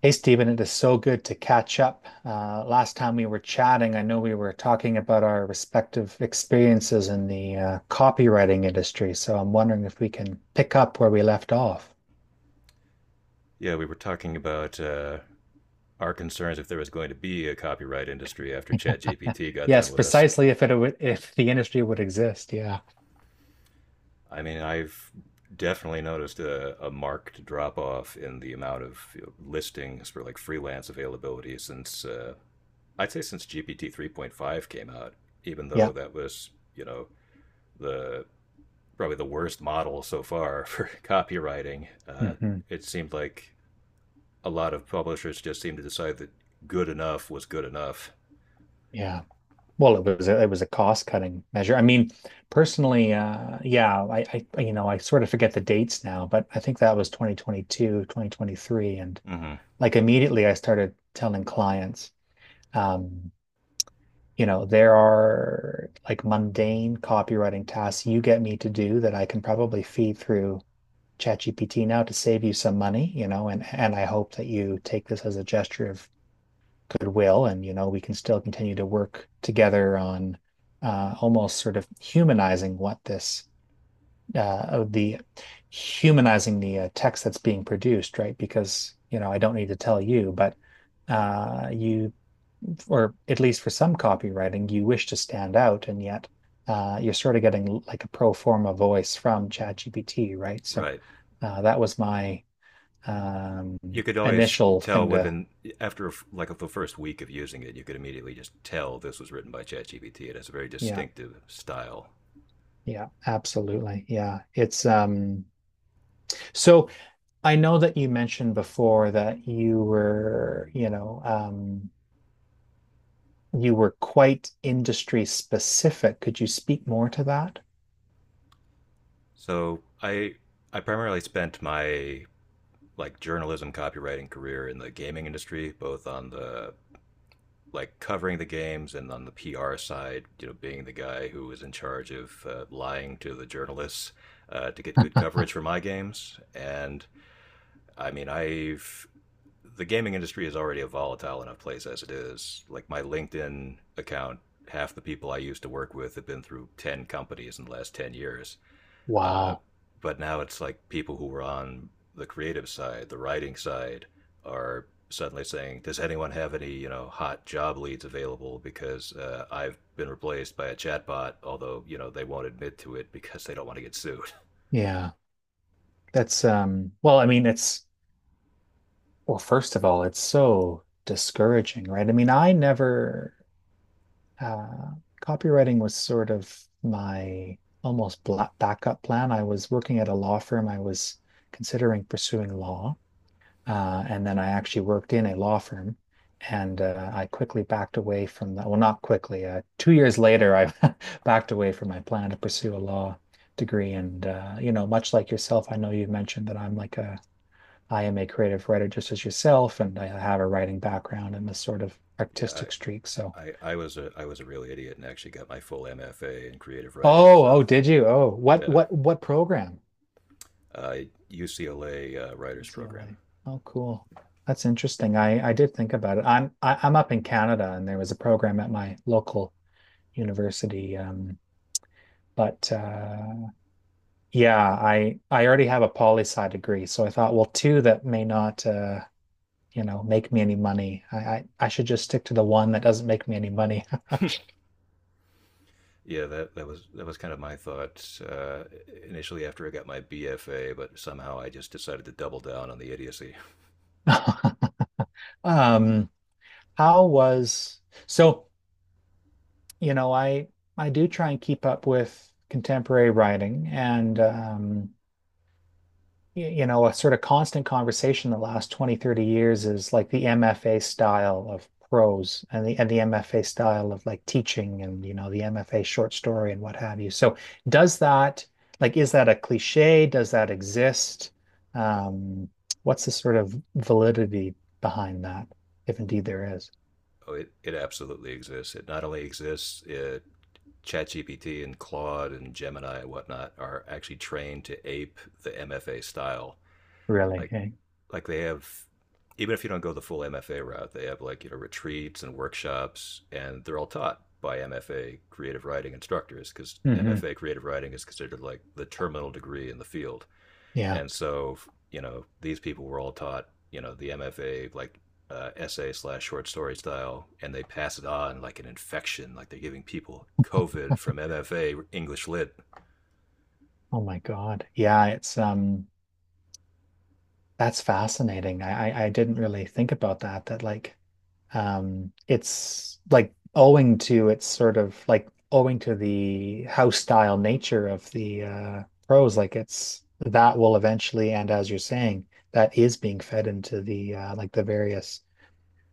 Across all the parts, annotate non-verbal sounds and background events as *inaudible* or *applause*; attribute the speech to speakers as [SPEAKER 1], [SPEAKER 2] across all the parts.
[SPEAKER 1] Hey, Stephen, it is so good to catch up. Last time we were chatting, I know we were talking about our respective experiences in the copywriting industry. So I'm wondering if we can pick up where we left off.
[SPEAKER 2] Yeah, we were talking about our concerns if there was going to be a copyright industry after
[SPEAKER 1] *laughs*
[SPEAKER 2] ChatGPT got done
[SPEAKER 1] Yes,
[SPEAKER 2] with us.
[SPEAKER 1] precisely if it would, if the industry would exist. Yeah.
[SPEAKER 2] I've definitely noticed a marked drop off in the amount of listings for like freelance availability since I'd say since GPT 3.5 came out, even though
[SPEAKER 1] Yeah.
[SPEAKER 2] that was, you know, the probably the worst model so far *laughs* for copywriting.
[SPEAKER 1] hmm
[SPEAKER 2] It seemed like a lot of publishers just seemed to decide that good enough was good enough.
[SPEAKER 1] Yeah. Well, it was a cost-cutting measure. I mean, personally, yeah, I, you know, I sort of forget the dates now, but I think that was 2022, 2023. And
[SPEAKER 2] Mm-hmm.
[SPEAKER 1] like immediately I started telling clients. Um, you know, there are like mundane copywriting tasks you get me to do that I can probably feed through ChatGPT now to save you some money, you know, and I hope that you take this as a gesture of goodwill, and you know we can still continue to work together on almost sort of humanizing what this the humanizing the text that's being produced, right? Because you know I don't need to tell you, but you or at least for some copywriting, you wish to stand out, and yet you're sort of getting like a pro forma voice from ChatGPT, right? So
[SPEAKER 2] Right.
[SPEAKER 1] that was my um,
[SPEAKER 2] you could always
[SPEAKER 1] initial
[SPEAKER 2] tell
[SPEAKER 1] thing to,
[SPEAKER 2] within After like the first week of using it, you could immediately just tell this was written by ChatGPT. It has a very
[SPEAKER 1] yeah,
[SPEAKER 2] distinctive style.
[SPEAKER 1] yeah, absolutely. Yeah. It's so I know that you mentioned before that you were, you know, you were quite industry specific. Could you speak more to that?
[SPEAKER 2] So I I primarily spent my like journalism copywriting career in the gaming industry, both on the like covering the games and on the PR side, you know, being the guy who was in charge of lying to the journalists to get good coverage for
[SPEAKER 1] *laughs*
[SPEAKER 2] my games. And I mean, I've the gaming industry is already a volatile enough place as it is. Like my LinkedIn account, half the people I used to work with have been through ten companies in the last 10 years. Uh,
[SPEAKER 1] Wow.
[SPEAKER 2] but now it's like people who were on the creative side, the writing side, are suddenly saying, "Does anyone have any hot job leads available?" Because I've been replaced by a chatbot, although you know they won't admit to it because they don't want to get sued.
[SPEAKER 1] Yeah. I mean, it's well, first of all, it's so discouraging, right? I mean, I never, uh, copywriting was sort of my almost bla backup plan. I was working at a law firm. I was considering pursuing law. And then I actually worked in a law firm, and I quickly backed away from that. Well, not quickly. 2 years later, I *laughs* backed away from my plan to pursue a law degree. And, you know, much like yourself, I know you mentioned that I am a creative writer just as yourself, and I have a writing background and this sort of
[SPEAKER 2] *laughs* Yeah,
[SPEAKER 1] artistic streak. So,
[SPEAKER 2] I was a real idiot and actually got my full MFA in creative writing,
[SPEAKER 1] oh, oh,
[SPEAKER 2] so.
[SPEAKER 1] did you? Oh, what,
[SPEAKER 2] Yeah,
[SPEAKER 1] what, what program?
[SPEAKER 2] uh, UCLA writers program.
[SPEAKER 1] UCLA. Oh, cool. That's interesting. I did think about it. I'm up in Canada, and there was a program at my local university. But Yeah, I already have a poli sci degree, so I thought, well, two that may not, you know, make me any money. I should just stick to the one that doesn't make me any money. *laughs*
[SPEAKER 2] Yeah, that was kind of my thought initially after I got my BFA, but somehow I just decided to double down on the idiocy.
[SPEAKER 1] No. Um, how was so, you know, I do try and keep up with contemporary writing, and you know, a sort of constant conversation the last 20, 30 years is like the MFA style of prose and the MFA style of like teaching and, you know, the MFA short story and what have you. So does that like is that a cliche? Does that exist? Um, what's the sort of validity behind that, if indeed there is?
[SPEAKER 2] Oh, it absolutely exists. It not only exists, ChatGPT and Claude and Gemini and whatnot are actually trained to ape the MFA style,
[SPEAKER 1] Really?
[SPEAKER 2] like
[SPEAKER 1] Eh?
[SPEAKER 2] they have, even if you don't go the full MFA route, they have like you know retreats and workshops, and they're all taught by MFA creative writing instructors because
[SPEAKER 1] hmm
[SPEAKER 2] MFA creative writing is considered like the terminal degree in the field,
[SPEAKER 1] Yeah.
[SPEAKER 2] and so you know these people were all taught you know the MFA like essay slash short story style, and they pass it on like an infection, like they're giving people COVID from MFA English Lit.
[SPEAKER 1] Oh my God. Yeah, it's that's fascinating. I didn't really think about that, that like it's like owing to it's sort of like owing to the house style nature of the prose like it's that will eventually, and as you're saying, that is being fed into the the various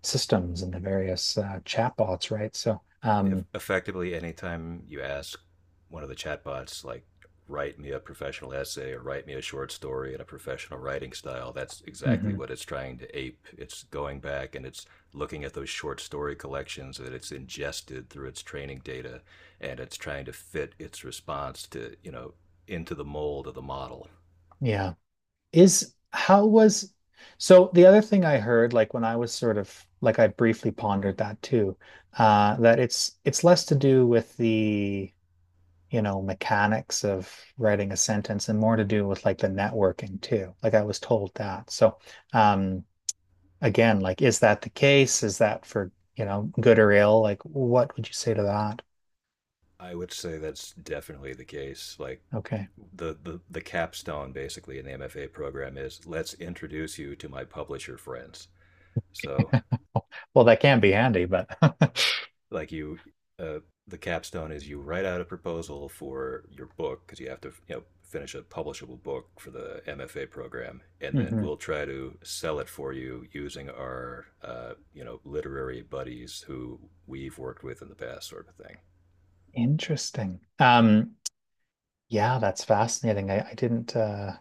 [SPEAKER 1] systems and the various chatbots, right? So
[SPEAKER 2] If effectively anytime you ask one of the chatbots, like write me a professional essay or write me a short story in a professional writing style, that's exactly
[SPEAKER 1] mhm.
[SPEAKER 2] what it's trying to ape. It's going back and it's looking at those short story collections that it's ingested through its training data, and it's trying to fit its response to you know into the mold of the model.
[SPEAKER 1] Yeah. Is how was So the other thing I heard, like when I was sort of like I briefly pondered that too, that it's less to do with you know, mechanics of writing a sentence and more to do with like the networking too. Like I was told that. So um again, like is that the case? Is that for, you know, good or ill? Like what would you say to that?
[SPEAKER 2] I would say that's definitely the case. Like
[SPEAKER 1] Okay.
[SPEAKER 2] the capstone basically in the MFA program is let's introduce you to my publisher friends. So,
[SPEAKER 1] Well, that can be handy, but *laughs*
[SPEAKER 2] like you, uh, the capstone is you write out a proposal for your book because you have to, you know, finish a publishable book for the MFA program, and then
[SPEAKER 1] mhm.
[SPEAKER 2] we'll try to sell it for you using our, you know, literary buddies who we've worked with in the past, sort of thing.
[SPEAKER 1] Interesting. Yeah, that's fascinating. I didn't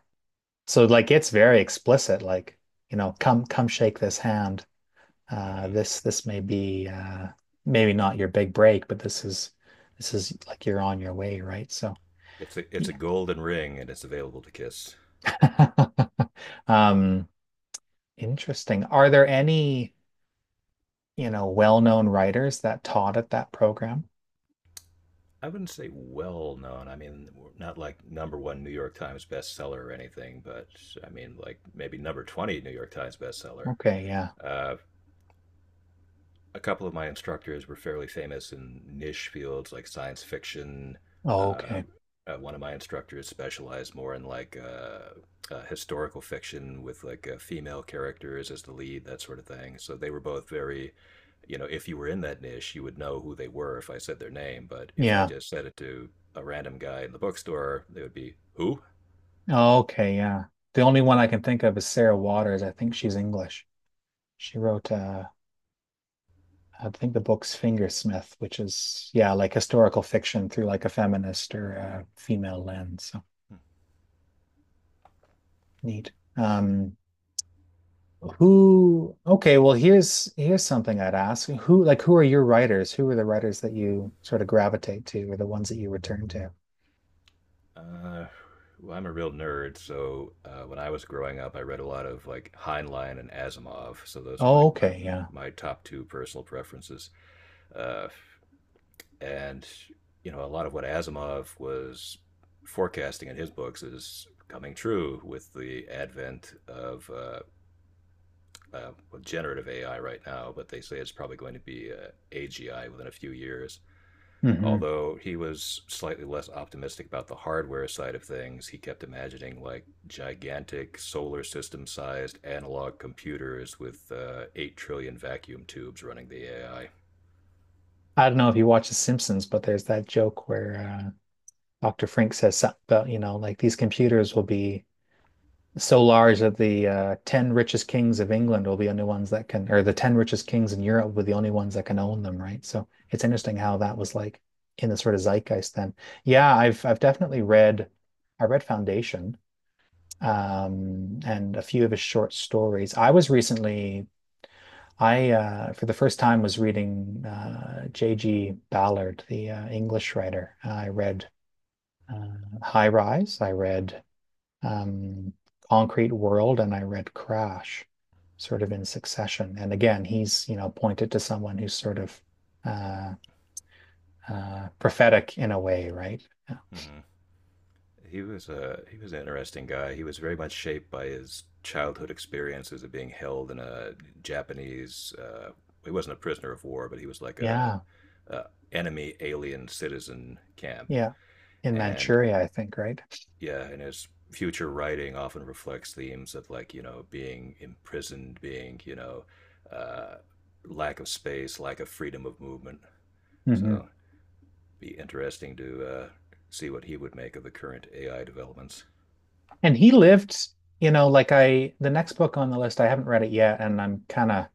[SPEAKER 1] so like it's very explicit, like, you know, come shake this hand. Uh
[SPEAKER 2] Mm-hmm.
[SPEAKER 1] this this may be maybe not your big break, but this is like you're on your way, right? So
[SPEAKER 2] It's a
[SPEAKER 1] yeah.
[SPEAKER 2] golden ring, and it's available to Kiss. ISS.
[SPEAKER 1] *laughs* Um Interesting. Are there any, you know, well-known writers that taught at that program?
[SPEAKER 2] I wouldn't say well known. I mean, not like number one New York Times bestseller or anything, but I mean, like maybe number 20 New York Times bestseller.
[SPEAKER 1] Okay, yeah.
[SPEAKER 2] Uh, a couple of my instructors were fairly famous in niche fields like science fiction.
[SPEAKER 1] Oh,
[SPEAKER 2] Uh,
[SPEAKER 1] okay.
[SPEAKER 2] One of my instructors specialized more in like historical fiction with like female characters as the lead, that sort of thing. So they were both very, you know, if you were in that niche, you would know who they were if I said their name. But if I
[SPEAKER 1] Yeah.
[SPEAKER 2] just said it to a random guy in the bookstore, they would be who?
[SPEAKER 1] Oh, okay, yeah. The only one I can think of is Sarah Waters. I think she's English. She wrote, I think the book's Fingersmith, which is, yeah, like historical fiction through like a feminist or a female lens. So neat. Okay, well, here's something I'd ask. Who, like, who are your writers? Who are the writers that you sort of gravitate to or the ones that you return to?
[SPEAKER 2] Uh, well, I'm a real nerd, so when I was growing up, I read a lot of like Heinlein and Asimov. So those are
[SPEAKER 1] Oh,
[SPEAKER 2] my,
[SPEAKER 1] okay, yeah.
[SPEAKER 2] my top two personal preferences. Uh, and you know, a lot of what Asimov was forecasting in his books is coming true with the advent of well, generative AI right now. But they say it's probably going to be AGI within a few years.
[SPEAKER 1] hmm
[SPEAKER 2] Although he was slightly less optimistic about the hardware side of things, he kept imagining like gigantic solar system sized analog computers with 8 trillion vacuum tubes running the AI.
[SPEAKER 1] I don't know if you watch The Simpsons, but there's that joke where Dr. Frank says something about, you know, like these computers will be so large that the 10 richest kings of England will be the only ones that can, or the 10 richest kings in Europe will be the only ones that can own them, right? So it's interesting how that was like in the sort of zeitgeist then. Yeah, I've definitely read, I read Foundation, and a few of his short stories. I was recently, I for the first time was reading J.G. Ballard, the English writer. I read uh, High Rise. I read um, Concrete World, and I read Crash sort of in succession. And again, he's, you know, pointed to someone who's sort of uh, prophetic in a way, right?
[SPEAKER 2] Mhm. He was an interesting guy. He was very much shaped by his childhood experiences of being held in a Japanese, he wasn't a prisoner of war, but he was like
[SPEAKER 1] Yeah.
[SPEAKER 2] a enemy alien citizen camp,
[SPEAKER 1] Yeah. In
[SPEAKER 2] and
[SPEAKER 1] Manchuria, I think, right?
[SPEAKER 2] yeah, and his future writing often reflects themes of like you know being imprisoned, being you know uh, lack of space, lack of freedom of movement.
[SPEAKER 1] hmm
[SPEAKER 2] So be interesting to see what he would make of the current AI developments.
[SPEAKER 1] And he lived, you know, like I, the next book on the list, I haven't read it yet, and I'm kind of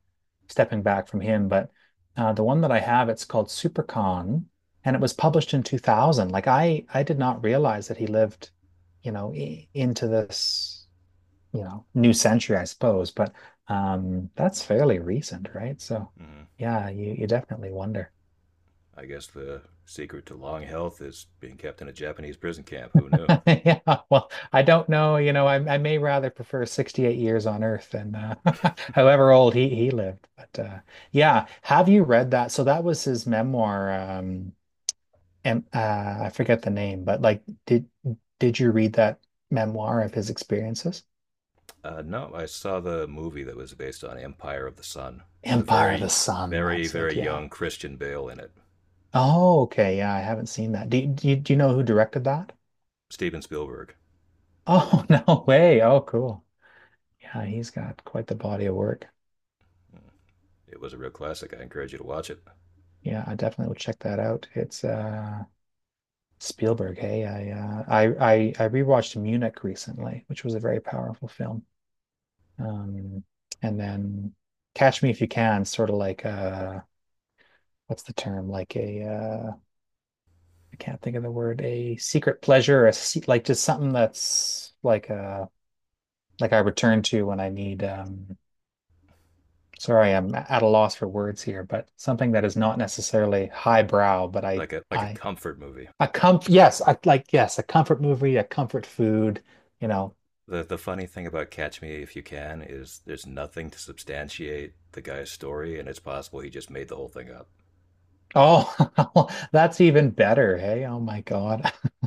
[SPEAKER 1] stepping back from him. But the one that I have, it's called Supercon, and it was published in 2000. Like I did not realize that he lived, you know, I into this, you know, new century, I suppose. But that's fairly recent, right? So,
[SPEAKER 2] Mhm.
[SPEAKER 1] yeah, you definitely wonder.
[SPEAKER 2] I guess the secret to long health is being kept in a Japanese prison camp. Who knew?
[SPEAKER 1] *laughs* Yeah, well, I don't know. You know, I may rather prefer 68 years on Earth than *laughs* however old he lived. But yeah, have you read that? So that was his memoir. And I forget the name, but like, did you read that memoir of his experiences?
[SPEAKER 2] No, I saw the movie that was based on Empire of the Sun with a
[SPEAKER 1] Empire of the
[SPEAKER 2] very,
[SPEAKER 1] Sun.
[SPEAKER 2] very,
[SPEAKER 1] That's
[SPEAKER 2] very
[SPEAKER 1] it. Yeah.
[SPEAKER 2] young Christian Bale in it.
[SPEAKER 1] Oh, okay. Yeah, I haven't seen that. Do you know who directed that?
[SPEAKER 2] Steven Spielberg.
[SPEAKER 1] Oh, *laughs* no way. Oh, cool. Yeah, he's got quite the body of work.
[SPEAKER 2] It was a real classic. I encourage you to watch it.
[SPEAKER 1] Yeah, I definitely will check that out. It's Spielberg. Hey, I I rewatched Munich recently, which was a very powerful film. Um and then Catch Me If You Can, sort of like what's the term? Like a I can't think of the word, a secret pleasure or a se like just something that's like I return to when I need sorry, I'm at a loss for words here, but something that is not necessarily highbrow, but
[SPEAKER 2] Like a
[SPEAKER 1] I
[SPEAKER 2] comfort movie.
[SPEAKER 1] a comf yes, I like yes, a comfort movie, a comfort food, you know.
[SPEAKER 2] The funny thing about Catch Me If You Can is there's nothing to substantiate the guy's story, and it's possible he just made the whole thing up.
[SPEAKER 1] Oh, *laughs* that's even better. Hey, oh my God. *laughs*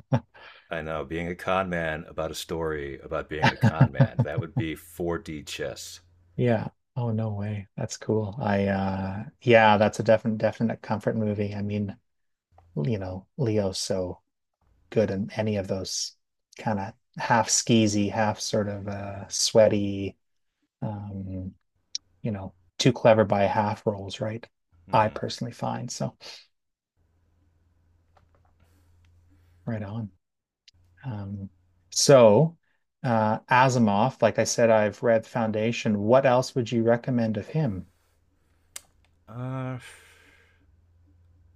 [SPEAKER 2] I know, being a con man about a story about being a con man, that would be 4D chess.
[SPEAKER 1] Yeah. Oh, no way. That's cool. I yeah, that's a definite comfort movie. I mean, you know, Leo's so good in any of those kind of half skeezy, half sort of sweaty, um, you know, too clever by half roles, right? I
[SPEAKER 2] Hmm.
[SPEAKER 1] personally find. So, right on. Um, so, Asimov, like I said, I've read Foundation. What else would you recommend of him?
[SPEAKER 2] I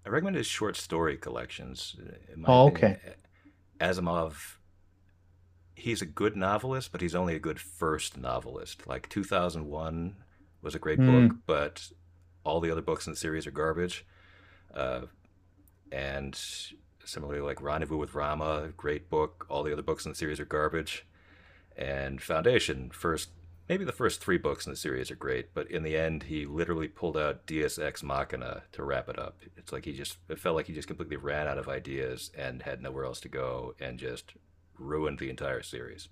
[SPEAKER 2] recommend his short story collections. In my
[SPEAKER 1] Oh,
[SPEAKER 2] opinion,
[SPEAKER 1] okay.
[SPEAKER 2] Asimov, he's a good novelist, but he's only a good first novelist. Like 2001 was a great book,
[SPEAKER 1] Hmm.
[SPEAKER 2] but all the other books in the series are garbage. Uh, and similarly, like Rendezvous with Rama, great book, all the other books in the series are garbage, and Foundation. First, maybe the first three books in the series are great, but in the end, he literally pulled out Deus Ex Machina to wrap it up. It's like he just it felt like he just completely ran out of ideas and had nowhere else to go, and just ruined the entire series.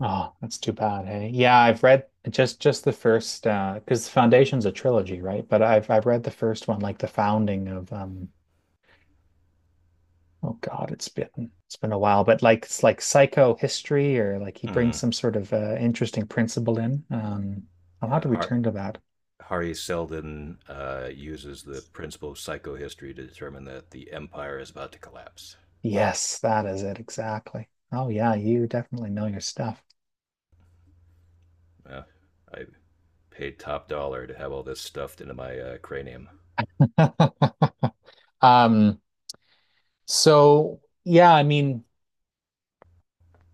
[SPEAKER 1] Oh, that's too bad. Hey, yeah, I've read just the first because Foundation's a trilogy, right? But I've read the first one, like the founding of Oh God, it's been a while, but like it's like psychohistory or like he brings
[SPEAKER 2] Mm.
[SPEAKER 1] some sort of interesting principle in. I'll have
[SPEAKER 2] Yeah,
[SPEAKER 1] to return to that.
[SPEAKER 2] Harry Seldon uses the principle of psychohistory to determine that the empire is about to collapse.
[SPEAKER 1] Yes, that is it exactly. Oh yeah, you definitely know your stuff.
[SPEAKER 2] Uh, I paid top dollar to have all this stuffed into my cranium.
[SPEAKER 1] *laughs* Um, yeah, I mean,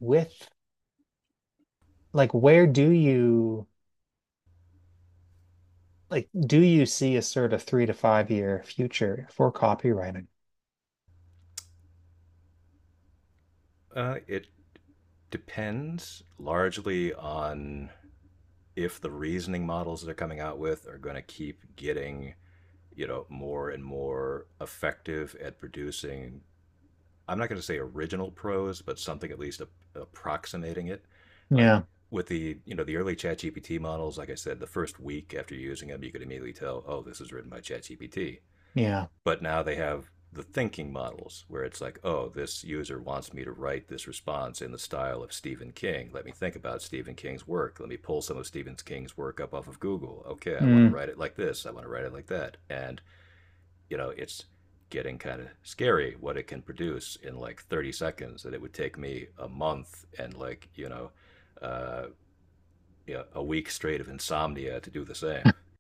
[SPEAKER 1] with like where do you like do you see a sort of 3 to 5 year future for copywriting?
[SPEAKER 2] It Depends largely on if the reasoning models they're coming out with are going to keep getting, you know, more and more effective at producing, I'm not going to say original prose, but something at least approximating it. Like
[SPEAKER 1] Yeah,
[SPEAKER 2] with the, you know, the early ChatGPT models, like I said, the first week after using them, you could immediately tell, oh, this is written by ChatGPT.
[SPEAKER 1] yeah.
[SPEAKER 2] But now they have the thinking models where it's like, oh, this user wants me to write this response in the style of Stephen King. Let me think about Stephen King's work. Let me pull some of Stephen King's work up off of Google. Okay, I want to
[SPEAKER 1] Mm.
[SPEAKER 2] write it like this. I want to write it like that. And, you know, it's getting kind of scary what it can produce in like 30 seconds that it would take me a month and like, uh, you know, a week straight of insomnia to do the same.
[SPEAKER 1] *laughs*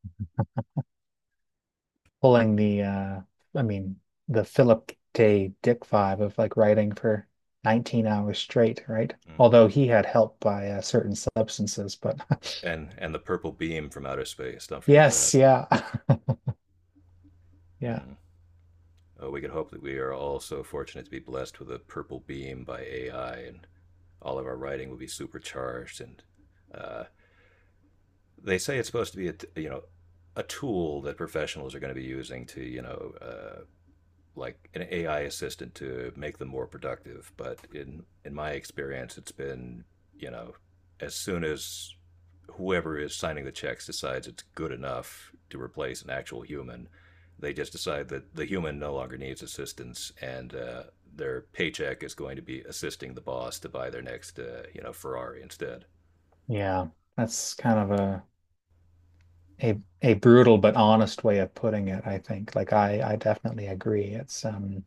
[SPEAKER 1] Pulling the I mean the Philip K. Dick vibe of like writing for 19 hours straight, right?
[SPEAKER 2] Mm.
[SPEAKER 1] Although he had help by certain substances, but *laughs*
[SPEAKER 2] And the purple beam from outer space, don't forget that.
[SPEAKER 1] yes, yeah. *laughs* Yeah.
[SPEAKER 2] Mm. We can hope that we are all so fortunate to be blessed with a purple beam by AI, and all of our writing will be supercharged. And uh, they say it's supposed to be a you know a tool that professionals are going to be using to you know like an AI assistant to make them more productive. But in my experience, it's been you know as soon as whoever is signing the checks decides it's good enough to replace an actual human, they just decide that the human no longer needs assistance and their paycheck is going to be assisting the boss to buy their next you know Ferrari instead.
[SPEAKER 1] Yeah, that's kind of a brutal but honest way of putting it, I think. Like I definitely agree. It's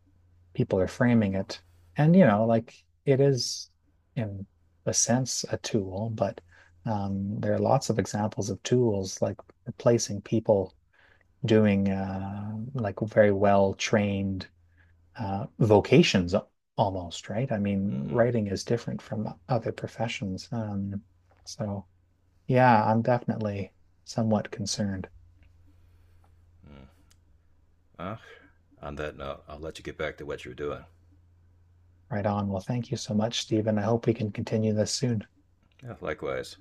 [SPEAKER 1] people are framing it, and you know, like it is in a sense a tool, but there are lots of examples of tools like replacing people doing like very well trained vocations almost, right? I mean,
[SPEAKER 2] Mm-hmm.
[SPEAKER 1] writing is different from other professions. So yeah, I'm definitely somewhat concerned.
[SPEAKER 2] Mm. Well, on that note, I'll let you get back to what you were doing.
[SPEAKER 1] Right on. Well, thank you so much, Stephen. I hope we can continue this soon.
[SPEAKER 2] Yeah, likewise.